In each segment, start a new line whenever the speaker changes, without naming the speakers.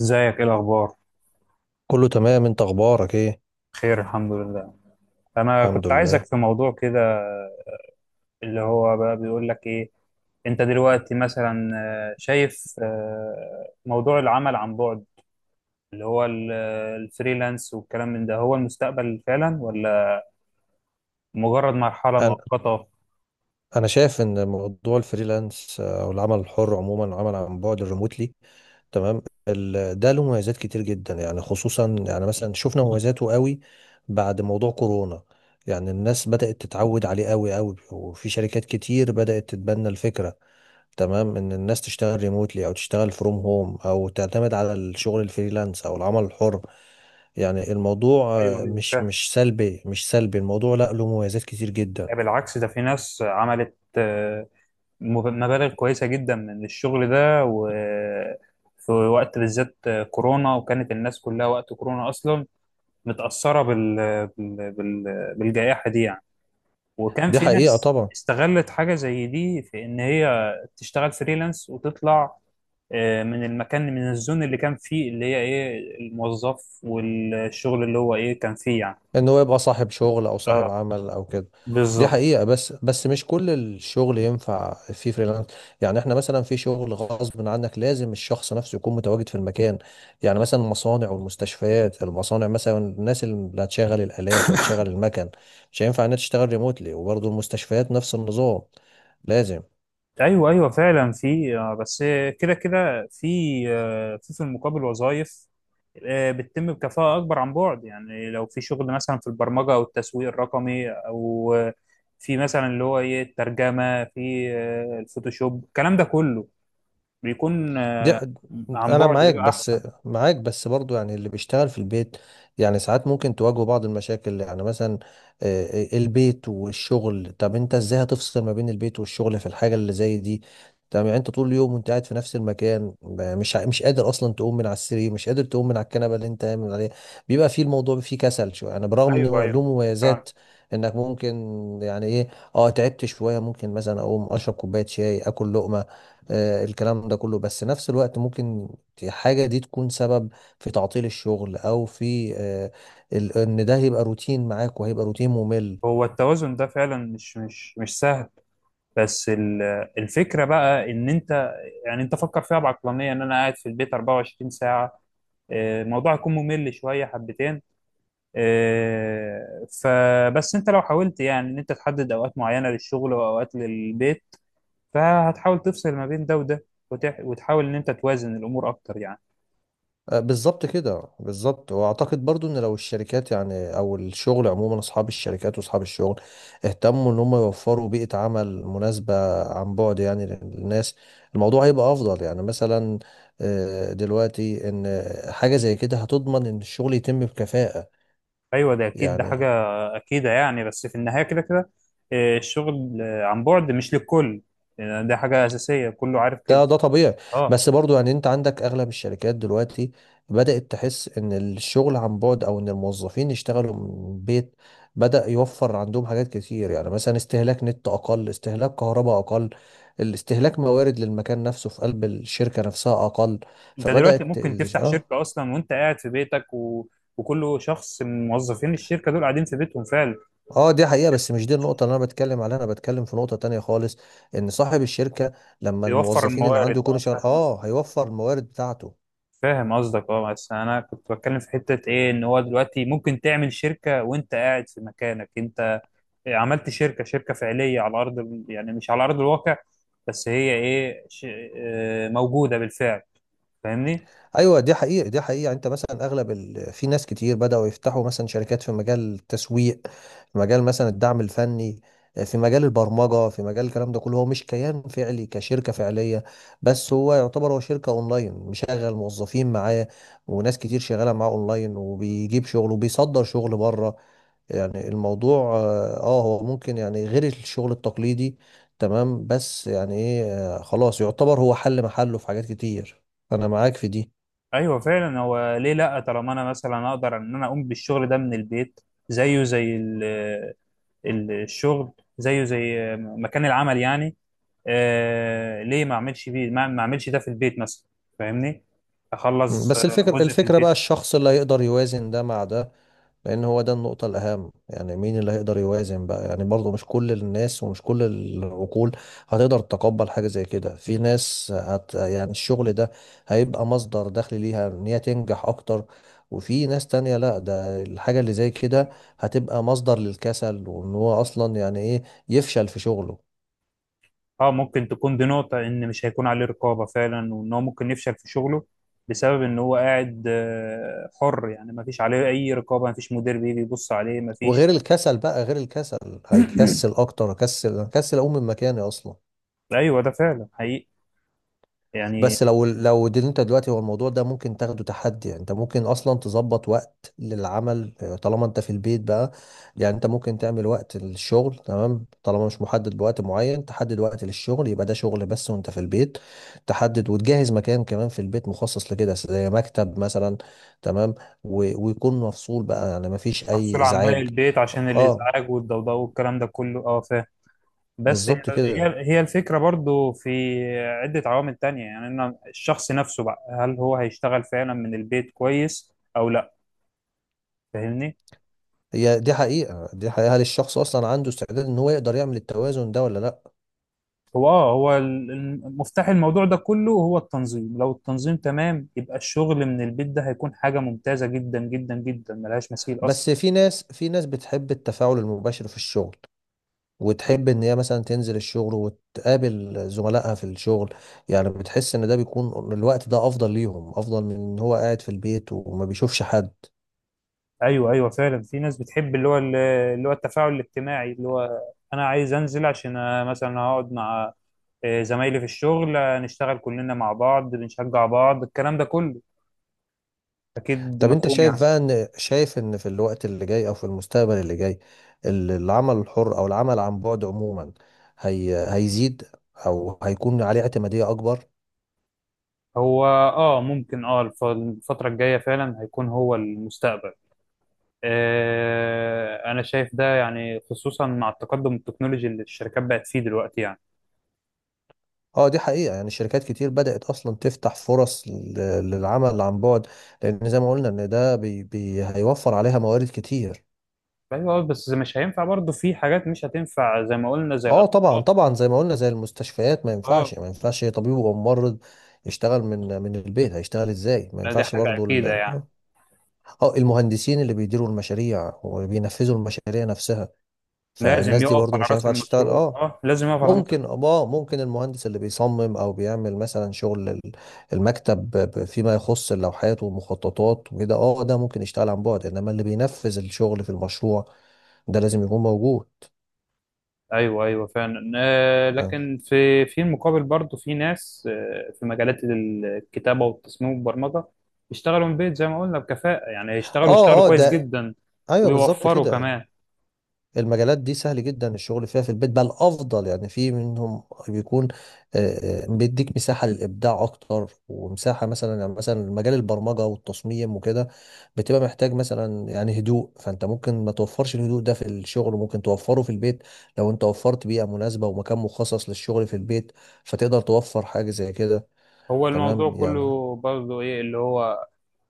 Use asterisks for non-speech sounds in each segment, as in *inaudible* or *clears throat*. ازيك، ايه الاخبار؟
كله تمام، انت اخبارك ايه؟
خير، الحمد لله. انا
الحمد
كنت
لله.
عايزك في موضوع كده. اللي هو بقى بيقول لك ايه. انت دلوقتي مثلا شايف، موضوع العمل عن بعد، اللي هو الفريلانس والكلام من ده، هو المستقبل فعلا ولا مجرد مرحلة
انا
مؤقتة؟
انا شايف ان موضوع الفريلانس او العمل الحر عموما عمل عن بعد الريموتلي. تمام. ده له مميزات كتير جدا، يعني خصوصا يعني مثلا شفنا مميزاته قوي بعد موضوع كورونا. يعني الناس بدأت تتعود عليه قوي قوي، وفي شركات كتير بدأت تتبنى الفكرة. تمام، ان الناس تشتغل ريموتلي او تشتغل فروم هوم او تعتمد على الشغل الفريلانس او العمل الحر. يعني الموضوع
ايوه، ايوه،
مش
فاهم.
مش سلبي، مش سلبي الموضوع، لا له مميزات كتير جدا.
بالعكس، ده في ناس عملت مبالغ كويسة جدا من الشغل ده، وفي وقت بالذات كورونا، وكانت الناس كلها وقت كورونا أصلا متأثرة بال... بال... بالجائحة دي يعني. وكان
دي
في
حقيقة
ناس
طبعا.
استغلت حاجة زي دي، في إن هي تشتغل فريلانس وتطلع من المكان، من الزون اللي كان فيه، اللي هي إيه الموظف، والشغل اللي هو إيه كان فيه يعني.
ان هو يبقى صاحب شغل او صاحب
اه،
عمل او كده. دي
بالظبط.
حقيقة، بس بس مش كل الشغل ينفع فيه فريلانس. يعني احنا مثلا في شغل غصب عنك لازم الشخص نفسه يكون متواجد في المكان، يعني مثلا المصانع والمستشفيات. المصانع مثلا الناس اللي هتشغل الآلات وهتشغل المكن مش هينفع انها تشتغل ريموتلي، وبرضه المستشفيات نفس النظام، لازم.
ايوه، ايوه فعلا، في بس كده كده، في في المقابل وظائف بتتم بكفاءة اكبر عن بعد. يعني لو في شغل مثلا في البرمجة او التسويق الرقمي، او في مثلا اللي هو ايه الترجمة، في الفوتوشوب، الكلام ده كله بيكون،
دي ح-
عن
انا
بعد
معاك
بيبقى
بس
احسن.
معاك بس برضو، يعني اللي بيشتغل في البيت يعني ساعات ممكن تواجهه بعض المشاكل. يعني مثلا البيت والشغل، طب انت ازاي هتفصل ما بين البيت والشغل في الحاجة اللي زي دي؟ طب يعني انت طول اليوم وانت قاعد في نفس المكان، مش قادر اصلا تقوم من على السرير، مش قادر تقوم من على الكنبة اللي انت قايم عليها. بيبقى فيه الموضوع فيه كسل شوية، يعني برغم
ايوه،
انه
ايوه،
له
فعلا.
مميزات انك ممكن يعني ايه، اه تعبت شوية ممكن مثلا اقوم اشرب كوباية شاي اكل لقمة الكلام ده كله، بس نفس الوقت ممكن الحاجة دي تكون سبب في تعطيل الشغل، أو في إن ده هيبقى روتين معاك وهيبقى روتين ممل.
هو التوازن ده فعلا مش سهل. بس الفكرة بقى، ان انت يعني انت فكر فيها بعقلانية، ان انا قاعد في البيت 24 ساعة، الموضوع هيكون ممل شوية حبتين. فبس انت لو حاولت يعني ان انت تحدد اوقات معينة للشغل واوقات للبيت، فهتحاول تفصل ما بين ده وده، وتحاول ان انت توازن الامور اكتر يعني.
بالظبط كده، بالظبط، واعتقد برضو ان لو الشركات يعني او الشغل عموما اصحاب الشركات واصحاب الشغل اهتموا ان هم يوفروا بيئة عمل مناسبة عن بعد يعني للناس، الموضوع هيبقى افضل. يعني مثلا دلوقتي ان حاجة زي كده هتضمن ان الشغل يتم بكفاءة.
ايوه، ده اكيد، ده حاجة
يعني،
اكيدة يعني. بس في النهاية كده كده، الشغل عن بعد مش للكل. ده حاجة اساسية، كله عارف كده،
ده ده طبيعي.
اه.
بس برضو يعني انت عندك اغلب الشركات دلوقتي بدأت تحس ان الشغل عن بعد او ان الموظفين يشتغلوا من البيت بدأ يوفر عندهم حاجات كتير، يعني مثلا استهلاك نت اقل، استهلاك كهرباء اقل، الاستهلاك موارد للمكان نفسه في قلب الشركة نفسها اقل.
انت دلوقتي
فبدأت
ممكن
ال-
تفتح
اه
شركة اصلا وانت قاعد في بيتك، وكل شخص من موظفين الشركة دول قاعدين في بيتهم فعلا.
اه دي حقيقة، بس مش دي النقطة اللي انا بتكلم عليها، انا بتكلم في نقطة تانية خالص، ان صاحب الشركة لما
بيوفر
الموظفين اللي عنده
الموارد،
يكونوا
اه،
شغال
فاهم قصدك،
هيوفر الموارد بتاعته.
فاهم قصدك، اه. بس انا كنت بتكلم في حته ايه، ان هو دلوقتي ممكن تعمل شركه وانت قاعد في مكانك، انت عملت شركه، شركه فعليه على يعني مش على ارض الواقع، بس هي ايه ش... آه، موجوده بالفعل، فاهمني؟
ايوه دي حقيقة، دي حقيقة، يعني انت مثلا اغلب ال... في ناس كتير بدأوا يفتحوا مثلا شركات في مجال التسويق، في مجال مثلا الدعم الفني، في مجال البرمجة، في مجال الكلام ده كله هو مش كيان فعلي كشركة فعلية، بس هو يعتبر هو شركة اونلاين مشغل موظفين معاه، وناس كتير شغالة معاه اونلاين، وبيجيب شغل وبيصدر شغل بره. يعني الموضوع هو ممكن يعني غير الشغل التقليدي، تمام، بس يعني ايه، خلاص يعتبر هو حل محله في حاجات كتير. انا معاك في دي.
ايوه فعلا، هو ليه لا؟ طالما انا مثلا اقدر ان انا اقوم بالشغل ده من البيت، زيه زي الشغل، زيه زي مكان العمل يعني. ليه ما اعملش بيه؟ ما اعملش ده في البيت مثلا، فاهمني؟ اخلص
بس الفكرة،
جزء في
الفكرة بقى
البيت.
الشخص اللي هيقدر يوازن ده مع ده، لأن هو ده النقطة الأهم. يعني مين اللي هيقدر يوازن بقى؟ يعني برضه مش كل الناس ومش كل العقول هتقدر تتقبل حاجة زي كده. في ناس هت يعني الشغل ده هيبقى مصدر دخل ليها، إن هي تنجح أكتر، وفي ناس تانية لا، ده الحاجة اللي زي كده هتبقى مصدر للكسل، وإن هو أصلا يعني إيه يفشل في شغله.
اه، ممكن تكون دي نقطة، ان مش هيكون عليه رقابة فعلا، وان هو ممكن يفشل في شغله، بسبب ان هو قاعد حر يعني، ما فيش عليه اي رقابة، ما فيش مدير بيجي يبص عليه، ما فيش.
وغير الكسل بقى، غير الكسل هيكسل
*coughs*
أكتر، هكسل هكسل أقوم من مكاني أصلا.
*clears throat* ايوه ده فعلا حقيقي يعني.
بس لو لو دي انت دلوقتي، هو الموضوع ده ممكن تاخده تحدي. يعني انت ممكن اصلا تظبط وقت للعمل، طالما انت في البيت بقى، يعني انت ممكن تعمل وقت للشغل، تمام، طالما مش محدد بوقت معين تحدد وقت للشغل، يبقى ده شغل بس وانت في البيت، تحدد وتجهز مكان كمان في البيت مخصص لكده زي مكتب مثلا. تمام، و- ويكون مفصول بقى يعني مفيش اي
مفصولة عن باقي
ازعاج.
البيت عشان
اه
الإزعاج والضوضاء والكلام ده كله، اه، فاهم. بس هي
بالظبط كده.
هي هي الفكرة برضو، في عدة عوامل تانية، يعني إن الشخص نفسه بقى، هل هو هيشتغل فعلا من البيت كويس أو لا، فاهمني؟
هي دي حقيقة، دي حقيقة، هل الشخص اصلا عنده استعداد ان هو يقدر يعمل التوازن ده ولا لا؟
هو، اه، هو مفتاح الموضوع ده كله هو التنظيم، لو التنظيم تمام، يبقى الشغل من البيت ده هيكون حاجة ممتازة جدا جدا جدا، ملهاش مثيل أصلا.
بس في ناس، في ناس بتحب التفاعل المباشر في الشغل، وتحب ان هي مثلا تنزل الشغل وتقابل زملائها في الشغل، يعني بتحس ان ده بيكون الوقت ده افضل ليهم، افضل من ان هو قاعد في البيت وما بيشوفش حد.
ايوه، ايوه فعلا، في ناس بتحب اللي هو التفاعل الاجتماعي، اللي هو انا عايز انزل، عشان أنا مثلا هقعد مع زمايلي في الشغل، نشتغل كلنا مع بعض، بنشجع بعض، الكلام ده كله. اكيد
طب انت
مفهوم
شايف
يعني.
بقى ان شايف ان في الوقت اللي جاي او في المستقبل اللي جاي، العمل الحر او العمل عن بعد عموما هي هيزيد، او هيكون عليه اعتمادية اكبر؟
هو، اه ممكن، اه، الفترة الجاية فعلا هيكون هو المستقبل. انا شايف ده يعني، خصوصا مع التقدم التكنولوجي اللي الشركات بقت فيه دلوقتي يعني.
اه دي حقيقة، يعني شركات كتير بدأت أصلا تفتح فرص للعمل عن بعد، لأن زي ما قلنا إن ده بي بي هيوفر عليها موارد كتير.
ايوه، بس مش هينفع برضه في حاجات، مش هتنفع زي ما قلنا، زي
اه طبعا
الاطباء،
طبعا، زي ما قلنا زي المستشفيات ما
اه.
ينفعش، ما ينفعش طبيب وممرض يشتغل من من البيت، هيشتغل ازاي؟ ما
لا، دي
ينفعش
حاجة
برضو
أكيدة يعني.
المهندسين اللي بيديروا المشاريع وبينفذوا المشاريع نفسها،
لازم
فالناس دي
يقف
برضو
على
مش
راس
هينفع تشتغل.
المشروع،
اه
اه، لازم يقف على راس.
ممكن، اه ممكن المهندس اللي بيصمم او بيعمل مثلا شغل المكتب فيما يخص اللوحات والمخططات وكده، اه ده ممكن يشتغل عن بعد، انما اللي بينفذ الشغل في المشروع ده لازم يكون موجود.
ايوه، ايوه فعلا.
اه
لكن في المقابل برضه، في ناس في مجالات الكتابه والتصميم والبرمجه، يشتغلوا من بيت زي ما قلنا بكفاءه يعني، يشتغلوا
اه آه،
كويس
ده
جدا،
ايوه بالظبط
ويوفروا
كده.
كمان.
المجالات دي سهل جدا الشغل فيها في البيت، بل افضل. يعني في منهم بيكون بيديك مساحه للابداع اكتر، ومساحه مثلا. يعني مثلا مجال البرمجه والتصميم وكده بتبقى محتاج مثلا يعني هدوء، فانت ممكن ما توفرش الهدوء ده في الشغل، وممكن توفره في البيت. لو انت وفرت بيئه مناسبه ومكان مخصص للشغل في البيت، فتقدر توفر حاجه زي كده.
هو الموضوع
تمام، يعني
كله برضه ايه، اللي هو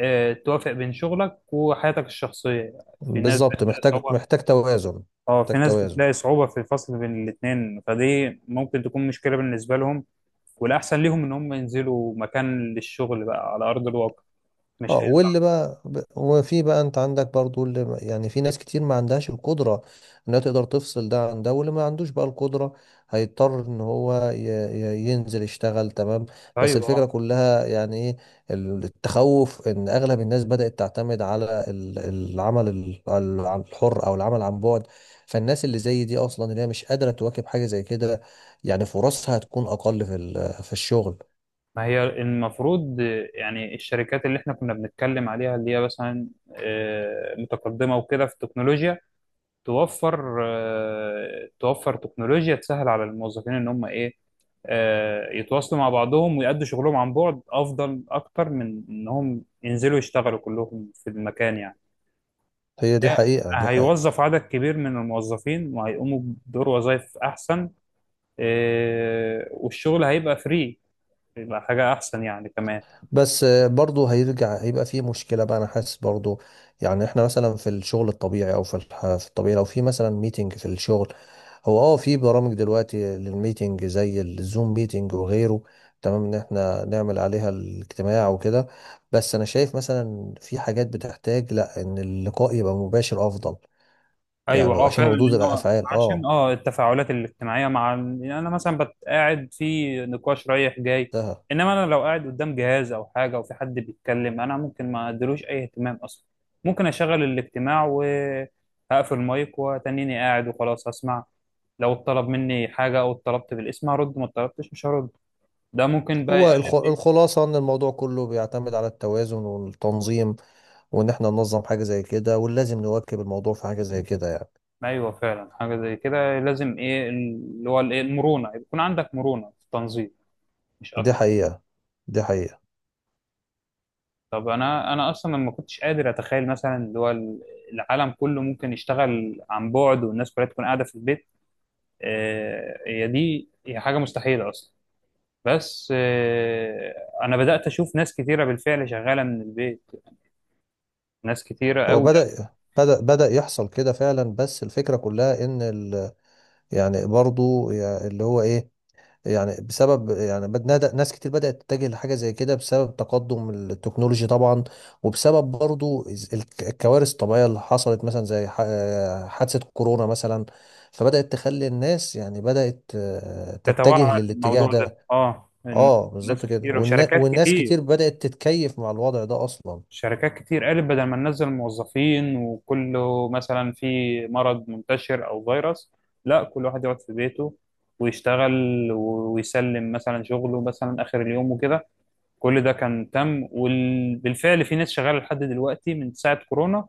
توافق بين شغلك وحياتك الشخصيه يعني. في ناس
بالظبط،
بتلاقي
محتاج
صعوبه،
محتاج توازن.
اه،
محتاج
في ناس
توازن.
بتلاقي صعوبة في الفصل بين الاتنين، فدي ممكن تكون مشكلة بالنسبة لهم. والأحسن ليهم إن هم ينزلوا مكان للشغل بقى على أرض الواقع،
اه
مش هينفع.
واللي بقى وفي بقى، انت عندك برضو اللي يعني في ناس كتير ما عندهاش القدرة انها تقدر تفصل ده عن ده، واللي ما عندوش بقى القدرة هيضطر ان هو ينزل يشتغل. تمام، بس
أيوه، اه.
الفكرة كلها يعني ايه، التخوف ان اغلب الناس بدأت تعتمد على العمل عن الحر او العمل عن بعد، فالناس اللي زي دي اصلا اللي هي مش قادرة تواكب حاجة زي كده يعني فرصها هتكون اقل في في الشغل.
ما هي المفروض، يعني الشركات اللي احنا كنا بنتكلم عليها، اللي هي مثلا متقدمة وكده في التكنولوجيا، توفر تكنولوجيا تسهل على الموظفين ان هم ايه، يتواصلوا مع بعضهم ويأدوا شغلهم عن بعد، افضل اكتر من انهم ينزلوا يشتغلوا كلهم في المكان يعني.
هي دي
ده
حقيقة، دي حقيقة،
هيوظف عدد كبير من الموظفين، وهيقوموا بدور وظائف احسن. والشغل هيبقى فري، يبقى حاجة احسن يعني كمان.
بس برضه هيرجع، هيبقى فيه مشكلة بقى، أنا حاسس برضه. يعني إحنا مثلا في الشغل الطبيعي أو في الطبيعي، لو في مثلا ميتنج في الشغل، هو في برامج دلوقتي للميتنج زي الزوم ميتنج وغيره، تمام، إن إحنا نعمل عليها الاجتماع وكده، بس أنا شايف مثلا في حاجات بتحتاج لأ إن اللقاء يبقى مباشر أفضل،
ايوه،
يعني
اه
عشان
فعلا،
ردود
لان هو
الأفعال
عشان، اه، التفاعلات الاجتماعيه مع يعني انا مثلا قاعد في نقاش رايح جاي.
ده.
انما انا لو قاعد قدام جهاز او حاجه وفي حد بيتكلم، انا ممكن ما اديلوش اي اهتمام اصلا. ممكن اشغل الاجتماع وهقفل المايك وتنيني قاعد، وخلاص هسمع. لو اتطلب مني حاجه او اتطلبت بالاسم هرد، ما اتطلبتش مش هرد. ده ممكن بقى
هو
يقلل، ايه.
الخلاصة إن الموضوع كله بيعتمد على التوازن والتنظيم، وان احنا ننظم حاجة زي كده، ولازم نواكب الموضوع في حاجة زي كده يعني.
ايوه فعلا، حاجه زي كده لازم، ايه اللي هو الايه المرونه، يكون عندك مرونه في التنظيم، مش
دي
اكتر.
حقيقة، دي حقيقة.
طب انا اصلا ما كنتش قادر اتخيل مثلا اللي هو، العالم كله ممكن يشتغل عن بعد والناس كلها تكون قاعده في البيت، هي دي هي حاجه مستحيله اصلا. بس انا بدات اشوف ناس كتيره بالفعل شغاله من البيت، ناس كتيره
هو
قوي،
بدأ يحصل كده فعلا، بس الفكرة كلها ان ال يعني برضو اللي هو ايه، يعني بسبب يعني ناس كتير بدأت تتجه لحاجة زي كده بسبب تقدم التكنولوجي طبعا، وبسبب برضو الكوارث الطبيعية اللي حصلت مثلا زي حادثة كورونا مثلا، فبدأت تخلي الناس يعني بدأت تتجه
تتوعى
للاتجاه
الموضوع ده،
ده.
اه،
اه
ناس
بالظبط كده،
كتيره وشركات
والناس
كتير.
كتير بدأت تتكيف مع الوضع ده اصلا.
شركات كتير قالت بدل ما ننزل موظفين وكله مثلا في مرض منتشر او فيروس، لا كل واحد يقعد في بيته ويشتغل، ويسلم مثلا شغله مثلا اخر اليوم وكده. كل ده كان تم، وبالفعل في ناس شغاله لحد دلوقتي من ساعه كورونا،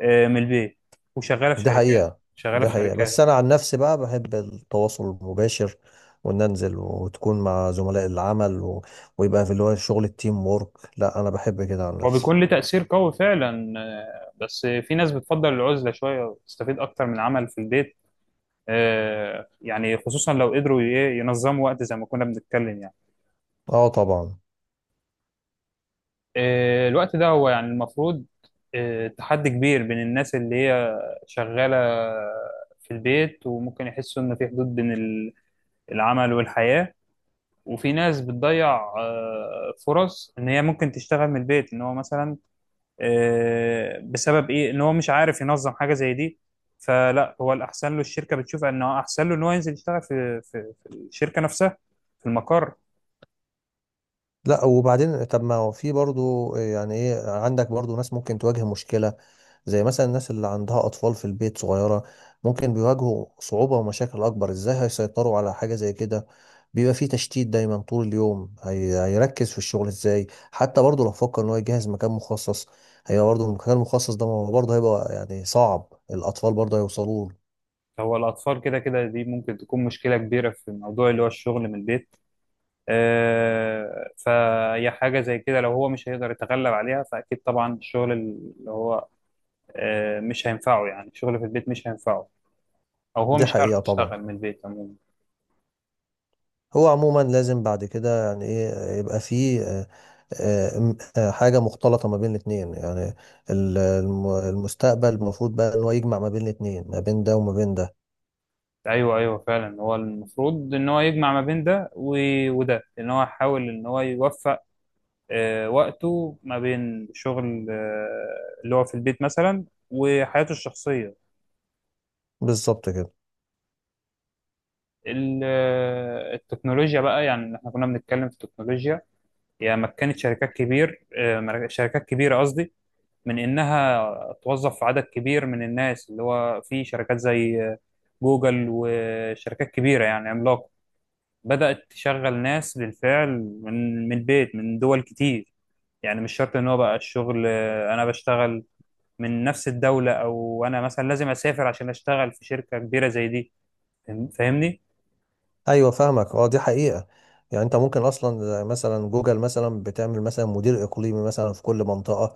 من البيت، وشغاله في
دي
شركات،
حقيقة،
شغاله
دي
في
حقيقة، بس
شركات.
انا عن نفسي بقى بحب التواصل المباشر، وان انزل وتكون مع زملاء العمل ويبقى في اللي هو شغل التيم وورك. لا انا بحب كده عن
هو
نفسي.
بيكون له تاثير قوي فعلا، بس في ناس بتفضل العزله شويه وتستفيد اكتر من عمل في البيت، يعني خصوصا لو قدروا ينظموا وقت زي ما كنا بنتكلم يعني.
اه طبعا.
الوقت ده هو يعني المفروض، تحدي كبير بين الناس اللي هي شغالة في البيت، وممكن يحسوا إن في حدود بين العمل والحياة. وفي ناس بتضيع فرص إن هي ممكن تشتغل من البيت، إن هو مثلا بسبب إيه، إن هو مش عارف ينظم حاجة زي دي، فلا هو الأحسن له، الشركة بتشوف إنه أحسن له إن هو ينزل يشتغل في الشركة نفسها، في المقر.
لا وبعدين طب ما هو في برضو يعني ايه، عندك برضو ناس ممكن تواجه مشكلة، زي مثلا الناس اللي عندها أطفال في البيت صغيرة ممكن بيواجهوا صعوبة ومشاكل أكبر. ازاي هيسيطروا على حاجة زي كده؟ بيبقى في تشتيت دايما طول اليوم، هيركز في الشغل ازاي؟ حتى برضو لو فكر ان هو يجهز مكان مخصص، هي برضو المكان المخصص ده ما هو برضو هيبقى يعني صعب، الأطفال برضو هيوصلوا له.
هو الأطفال كده كده دي ممكن تكون مشكلة كبيرة في الموضوع اللي هو الشغل من البيت، فهي حاجة زي كده لو هو مش هيقدر يتغلب عليها، فأكيد طبعا الشغل اللي هو مش هينفعه يعني، الشغل في البيت مش هينفعه، أو هو
دي
مش عارف
حقيقة طبعا.
يشتغل من البيت عموما.
هو عموما لازم بعد كده يعني ايه يبقى فيه حاجة مختلطة ما بين الاتنين يعني، المستقبل المفروض بقى ان هو يجمع ما بين الاتنين، ما بين ده وما بين ده.
أيوه، أيوه فعلا، هو المفروض إن هو يجمع ما بين وده، إن هو يحاول إن هو يوفق وقته ما بين شغل، اللي هو في البيت مثلا، وحياته الشخصية.
بالظبط كده.
ال- التكنولوجيا بقى، يعني احنا كنا بنتكلم في التكنولوجيا، يعني مكنت شركات كبيرة قصدي، من إنها توظف عدد كبير من الناس، اللي هو في شركات زي جوجل وشركات كبيرة يعني عملاقة، بدأت تشغل ناس بالفعل من البيت، من دول كتير. يعني مش شرط إن هو بقى الشغل، أنا بشتغل من نفس الدولة، أو أنا مثلا لازم أسافر عشان أشتغل في شركة كبيرة زي دي. فاهمني؟
ايوه فاهمك، اه دي حقيقة. يعني انت ممكن اصلا زي مثلا جوجل مثلا بتعمل مثلا مدير اقليمي مثلا في كل منطقة.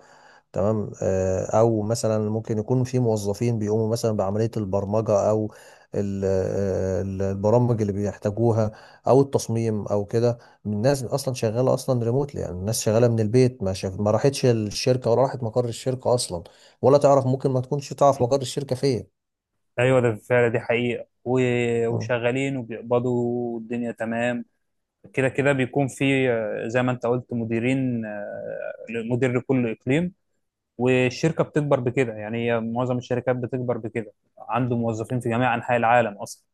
تمام، او مثلا ممكن يكون في موظفين بيقوموا مثلا بعملية البرمجة او البرامج اللي بيحتاجوها، او التصميم او كده. الناس اصلا شغالة اصلا ريموتلي، يعني الناس شغالة من البيت، ما شاف ما راحتش الشركة ولا راحت مقر الشركة اصلا، ولا تعرف ممكن ما تكونش تعرف مقر الشركة فين.
ايوه ده فعلا، دي حقيقة،
مم.
وشغالين وبيقبضوا الدنيا، تمام. كده كده بيكون في، زي ما انت قلت مديرين، مدير لكل اقليم، والشركة بتكبر بكده، يعني هي معظم الشركات بتكبر بكده، عنده موظفين في جميع انحاء العالم اصلا.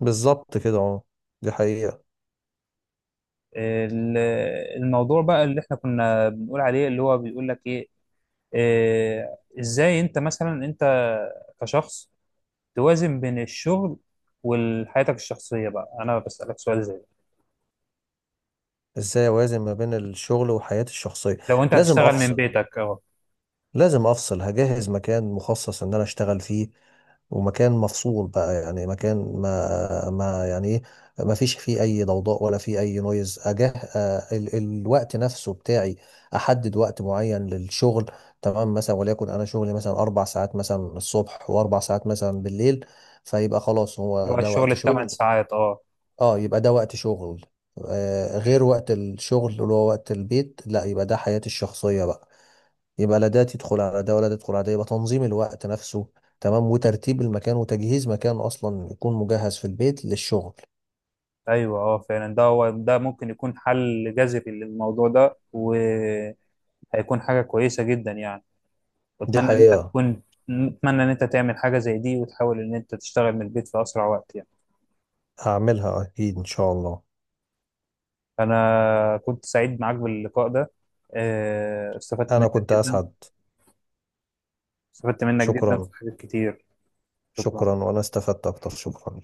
بالظبط كده. اه دي حقيقة.
ال- الموضوع بقى اللي احنا كنا بنقول عليه، اللي هو بيقول لك ايه، ازاي انت مثلا، انت كشخص، توازن بين الشغل وحياتك الشخصية؟ بقى انا بسألك سؤال زي،
ازاي اوازن ما بين الشغل وحياتي الشخصية؟
لو انت
لازم
هتشتغل من
افصل،
بيتك، اه.
لازم افصل، هجهز مكان مخصص ان انا اشتغل فيه، ومكان مفصول بقى يعني مكان ما يعني ايه ما فيش فيه اي ضوضاء ولا فيه اي نويز اجه. ال الوقت نفسه بتاعي احدد وقت معين للشغل، تمام مثلا، وليكن انا شغلي مثلا 4 ساعات مثلا الصبح و4 ساعات مثلا بالليل، فيبقى خلاص هو
اللي هو
ده
الشغل
وقت
الثمان
شغل.
ساعات، اه.
اه يبقى ده وقت شغل. غير وقت الشغل اللي هو وقت البيت، لا يبقى ده حياتي الشخصية بقى، يبقى لا ده تدخل على ده ولا ده تدخل على ده. يبقى تنظيم الوقت نفسه، تمام، وترتيب المكان وتجهيز مكان اصلا يكون مجهز في البيت للشغل.
ايوه، اه فعلا، ده هو، ده ممكن يكون حل جذري للموضوع ده، وهيكون حاجه كويسه جدا يعني.
دي
واتمنى ان انت
حقيقة.
تكون، اتمنى ان انت تعمل حاجه زي دي، وتحاول ان انت تشتغل من البيت في اسرع وقت يعني.
هعملها اكيد ان شاء الله.
انا كنت سعيد معاك باللقاء ده، استفدت
انا
منك
كنت
جدا،
اسعد.
استفدت منك جدا في
شكرا،
حاجات كتير، شكرا.
شكرا، وانا استفدت اكتر، شكرا.